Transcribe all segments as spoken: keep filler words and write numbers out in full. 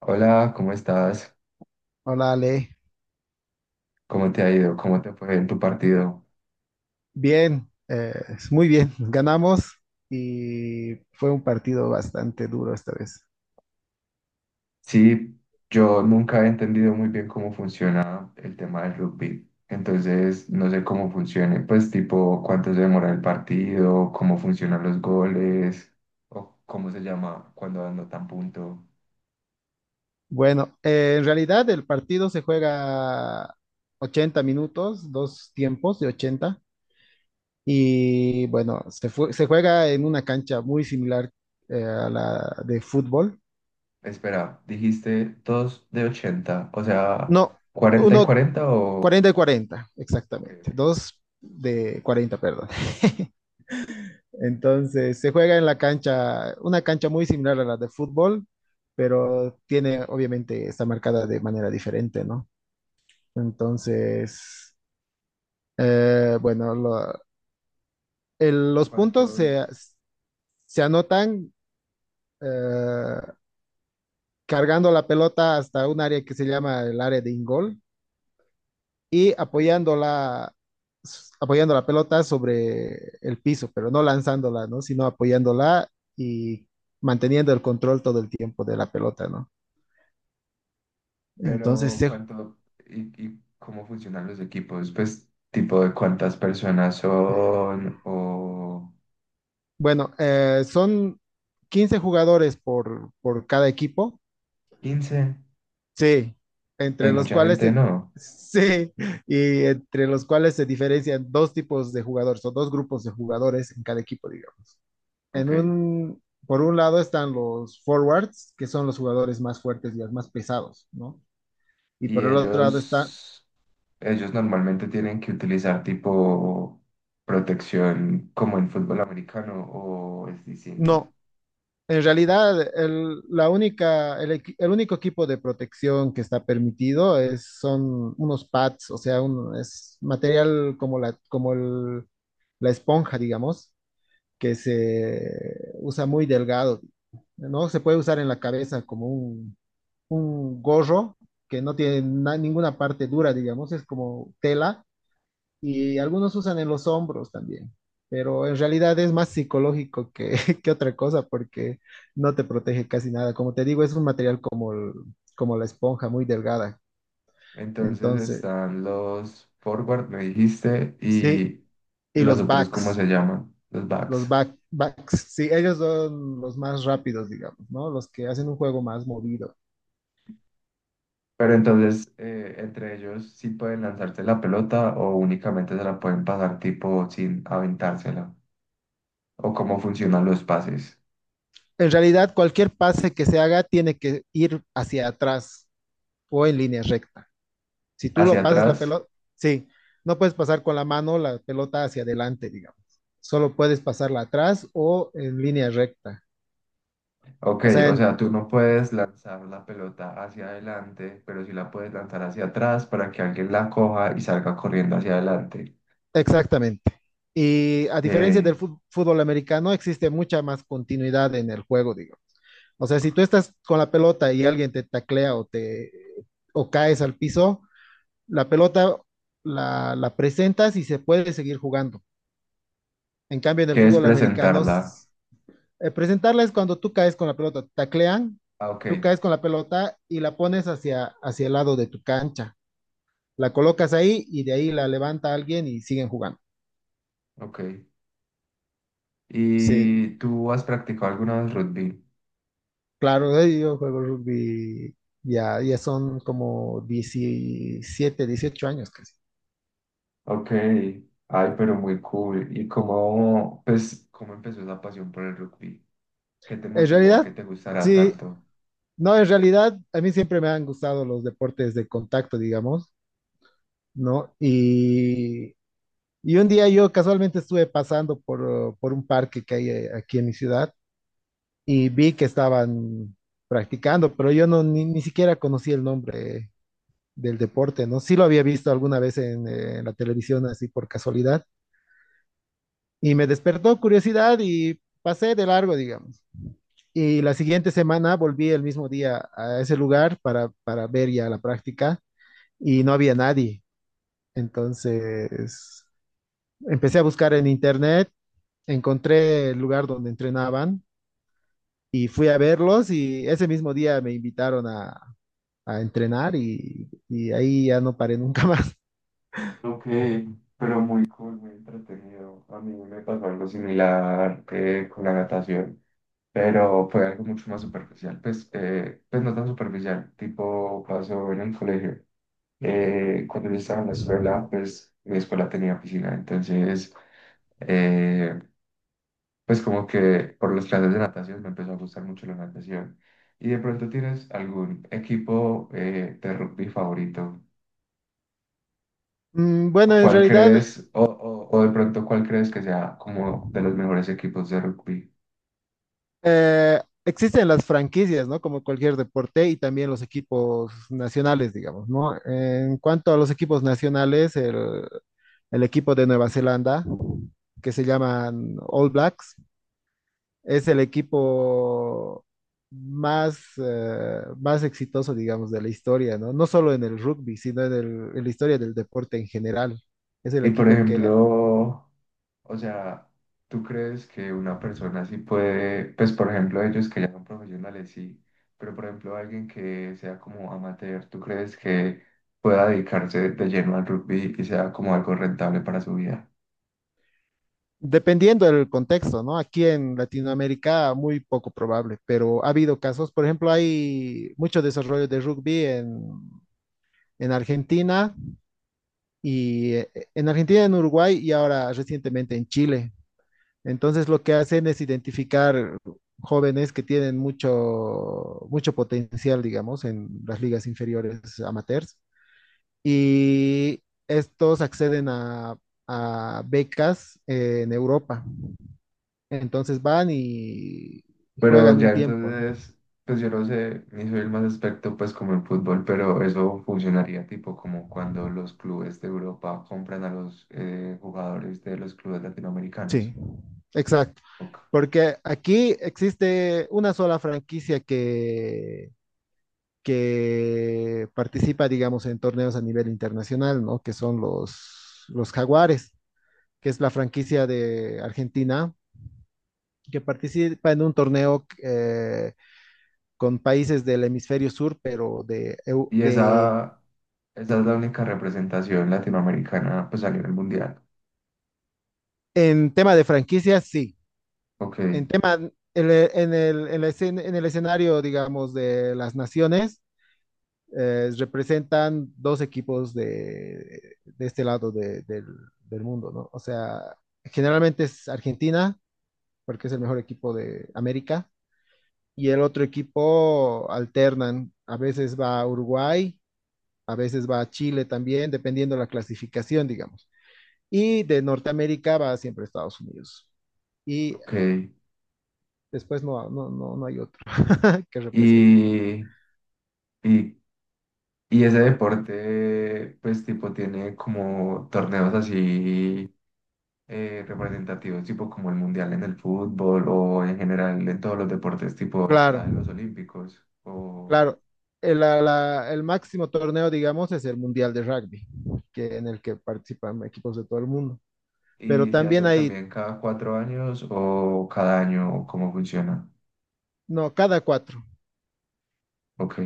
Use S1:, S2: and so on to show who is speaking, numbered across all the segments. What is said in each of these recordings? S1: Hola, ¿cómo estás?
S2: Hola Ale,
S1: ¿Cómo te ha ido? ¿Cómo te fue en tu partido?
S2: bien, eh, muy bien, ganamos y fue un partido bastante duro esta vez.
S1: Sí, yo nunca he entendido muy bien cómo funciona el tema del rugby, entonces no sé cómo funcione, pues tipo cuánto se demora el partido, cómo funcionan los goles, o cómo se llama cuando anotan punto.
S2: Bueno, eh, en realidad el partido se juega ochenta minutos, dos tiempos de ochenta y bueno, se, fue- se juega en una cancha muy similar eh, a la de fútbol.
S1: Espera, dijiste dos de ochenta, o sea,
S2: No,
S1: cuarenta y
S2: uno
S1: cuarenta o...?
S2: cuarenta y cuarenta,
S1: Ok,
S2: exactamente,
S1: ok.
S2: dos de cuarenta, perdón. Entonces, se juega en la cancha, una cancha muy similar a la de fútbol, pero tiene, obviamente, está marcada de manera diferente, ¿no? Entonces, eh, bueno, lo- el- los puntos se,
S1: ¿Cuántos?
S2: se anotan eh, cargando la pelota hasta un área que se llama el área de ingol y
S1: Ok.
S2: apoyando la, apoyando la pelota sobre el piso, pero no lanzándola, ¿no? Sino apoyándola y manteniendo el control todo el tiempo de la pelota, ¿no? Entonces,
S1: Pero
S2: se-
S1: cuánto y, y cómo funcionan los equipos, pues tipo de cuántas personas son o
S2: bueno, eh, son quince jugadores por, por cada equipo,
S1: quince
S2: sí, entre
S1: es
S2: los
S1: mucha
S2: cuales
S1: gente,
S2: se,
S1: ¿no?
S2: sí, y entre los cuales se diferencian dos tipos de jugadores o dos grupos de jugadores en cada equipo, digamos. En
S1: Ok.
S2: un, por un lado están los forwards, que son los jugadores más fuertes y los más pesados, ¿no? Y
S1: Y
S2: por el otro lado está,
S1: ellos, ellos normalmente tienen que utilizar tipo protección como en fútbol americano, ¿o es distinto?
S2: no, en realidad el, la única, el, equi- el único equipo de protección que está permitido es, son unos pads, o sea, un- es material como la, como el- la esponja, digamos, que se usa muy delgado, ¿no? Se puede usar en la cabeza como un un gorro que no tiene na- ninguna parte dura, digamos, es como tela y algunos usan en los hombros también, pero en realidad es más psicológico que, que otra cosa porque no te protege casi nada. Como te digo, es un material como, el- como la esponja, muy delgada.
S1: Entonces
S2: Entonces,
S1: están los forward, me dijiste,
S2: sí,
S1: y
S2: y
S1: los
S2: los
S1: otros, ¿cómo
S2: backs,
S1: se llaman? Los
S2: los
S1: backs.
S2: back, backs, sí, ellos son los más rápidos, digamos, ¿no? Los que hacen un juego más movido.
S1: Pero entonces, eh, entre ellos sí pueden lanzarse la pelota o únicamente se la pueden pasar tipo sin aventársela. O cómo funcionan los pases.
S2: En realidad, cualquier pase que se haga tiene que ir hacia atrás, o en línea recta. Si tú
S1: Hacia
S2: lo pasas la
S1: atrás.
S2: pelota, sí, no puedes pasar con la mano la pelota hacia adelante, digamos. Solo puedes pasarla atrás o en línea recta.
S1: Ok,
S2: O sea,
S1: o
S2: en-
S1: sea, tú no puedes lanzar la pelota hacia adelante, pero sí la puedes lanzar hacia atrás para que alguien la coja y salga corriendo hacia adelante.
S2: exactamente. Y a diferencia del
S1: Eh,
S2: fut- fútbol americano, existe mucha más continuidad en el juego, digo. O sea, si tú estás con la pelota y alguien te taclea o te o caes al piso, la pelota la, la presentas y se puede seguir jugando. En cambio, en el
S1: ¿Qué es
S2: fútbol americano...
S1: presentarla?
S2: Eh, presentarla es cuando tú caes con la pelota, te taclean,
S1: Ah, ok,
S2: tú caes con la pelota y la pones hacia, hacia el lado de tu cancha. La colocas ahí y de ahí la levanta alguien y siguen jugando.
S1: ok.
S2: Sí,
S1: ¿Y tú has practicado alguna vez rugby?
S2: claro, eh, yo juego rugby, ya, ya son como diecisiete, dieciocho años casi.
S1: Ok, ay, pero muy cool. Y cómo, pues, ¿cómo empezó esa pasión por el rugby? ¿Qué te
S2: En
S1: motivó a que
S2: realidad,
S1: te gustara
S2: sí,
S1: tanto?
S2: no, en realidad a mí siempre me han gustado los deportes de contacto, digamos, ¿no? Y, y un día yo casualmente estuve pasando por, por un parque que hay eh, aquí en mi ciudad y vi que estaban practicando, pero yo no ni, ni siquiera conocí el nombre del deporte, ¿no? Sí lo había visto alguna vez en, eh, en la televisión así por casualidad y me despertó curiosidad y pasé de largo, digamos. Y la siguiente semana volví el mismo día a ese lugar para, para ver ya la práctica y no había nadie. Entonces empecé a buscar en internet, encontré el lugar donde entrenaban y fui a verlos y ese mismo día me invitaron a, a entrenar y, y ahí ya no paré nunca más.
S1: Ok, pero muy cool, muy entretenido. A mí me pasó algo similar eh, con la natación, pero fue algo mucho más superficial. Pues, eh, pues no tan superficial, tipo pasó en el colegio. Eh, cuando yo estaba en la escuela, pues mi escuela tenía piscina, entonces... Eh, pues como que por las clases de natación me empezó a gustar mucho la natación. ¿Y de pronto tienes algún equipo eh, de rugby favorito?
S2: Mm, Bueno,
S1: ¿O
S2: en
S1: cuál
S2: realidad
S1: crees, o, o, o de pronto cuál crees que sea como de los mejores equipos de rugby?
S2: eh, existen las franquicias, ¿no? Como cualquier deporte y también los equipos nacionales, digamos, ¿no? En cuanto a los equipos nacionales, el, el equipo de Nueva Zelanda, que se llaman All Blacks, es el equipo más, eh, más exitoso, digamos, de la historia, ¿no? No solo en el rugby, sino en el- en la historia del deporte en general. Es el
S1: Y por
S2: equipo que...
S1: ejemplo, o sea, ¿tú crees que una persona así puede, pues por ejemplo ellos que ya son profesionales, sí, pero por ejemplo alguien que sea como amateur, tú crees que pueda dedicarse de lleno al rugby y sea como algo rentable para su vida?
S2: Dependiendo del contexto, ¿no? Aquí en Latinoamérica muy poco probable, pero ha habido casos, por ejemplo, hay mucho desarrollo de rugby en, en Argentina y eh, en Argentina, en Uruguay y ahora recientemente en Chile. Entonces lo que hacen es identificar jóvenes que tienen mucho, mucho potencial, digamos, en las ligas inferiores amateurs y estos acceden a, a becas eh, en Europa. Entonces van y, y
S1: Pero
S2: juegan
S1: ya
S2: un tiempo, ¿no?
S1: entonces, pues yo no sé, ni soy el más experto pues como en fútbol, pero eso funcionaría tipo como cuando los clubes de Europa compran a los eh, jugadores de los clubes
S2: Sí,
S1: latinoamericanos.
S2: exacto.
S1: Ok.
S2: Porque aquí existe una sola franquicia que, que participa, digamos, en torneos a nivel internacional, ¿no? Que son los, los Jaguares, que es la franquicia de Argentina, que participa en un torneo eh, con países del hemisferio sur, pero de, eu-
S1: Y
S2: de
S1: esa, ¿esa es la única representación latinoamericana pues a nivel mundial?
S2: en tema de franquicias, sí.
S1: Ok,
S2: En tema, en, el, en el- en la escena- en el escenario, digamos, de las naciones, eh, representan dos equipos de, de este lado de- del, del mundo, ¿no? O sea, generalmente es Argentina, porque es el mejor equipo de América, y el otro equipo alternan, a veces va a Uruguay, a veces va a Chile también, dependiendo de la clasificación, digamos. Y de Norteamérica va siempre a Estados Unidos. Y
S1: ok.
S2: después no, no, no, no hay otro que represente.
S1: Y, y, ¿y ese deporte pues tipo tiene como torneos así eh, representativos, tipo como el mundial en el fútbol o en general en todos los deportes, tipo
S2: Claro,
S1: está en los olímpicos o
S2: claro. El, la- la- el máximo torneo, digamos, es el Mundial de Rugby, que, en el que participan equipos de todo el mundo. Pero
S1: y se
S2: también
S1: hace
S2: hay,
S1: también cada cuatro años o cada año o cómo funciona?
S2: no, cada cuatro,
S1: Ok,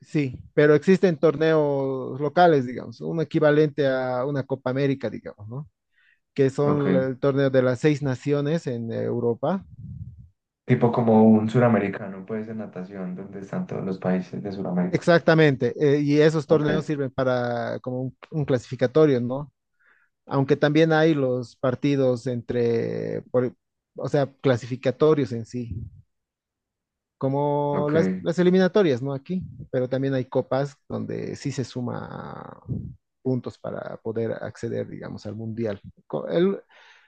S2: sí, pero existen torneos locales, digamos, un equivalente a una Copa América, digamos, ¿no? Que son
S1: ok.
S2: el torneo de las seis naciones en Europa.
S1: Tipo como un suramericano, pues en natación, donde están todos los países de Suramérica.
S2: Exactamente, eh, y esos
S1: Ok,
S2: torneos sirven para como un, un clasificatorio, ¿no? Aunque también hay los partidos entre, por- o sea, clasificatorios en sí, como
S1: ok,
S2: las, las eliminatorias, ¿no? Aquí, pero también hay copas donde sí se suma puntos para poder acceder, digamos, al mundial. Co- El,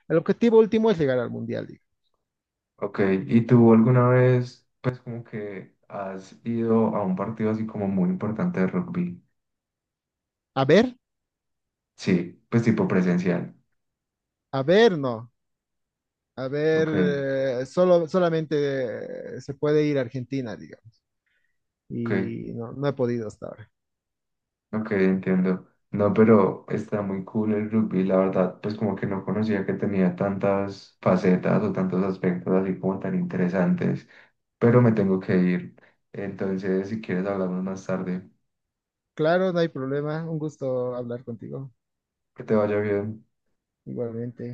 S2: el objetivo último es llegar al mundial, digo.
S1: ok. ¿Y tú alguna vez, pues como que has ido a un partido así como muy importante de rugby?
S2: A ver,
S1: Sí, pues tipo presencial.
S2: a ver, no. A ver,
S1: Ok.
S2: eh, solo, solamente eh, se puede ir a Argentina, digamos,
S1: Ok,
S2: y no, no he podido hasta ahora.
S1: ok, entiendo. No, pero está muy cool el rugby, la verdad, pues como que no conocía que tenía tantas facetas o tantos aspectos así como tan interesantes, pero me tengo que ir. Entonces, si quieres, hablamos más tarde.
S2: Claro, no hay problema. Un gusto hablar contigo,
S1: Que te vaya bien.
S2: igualmente.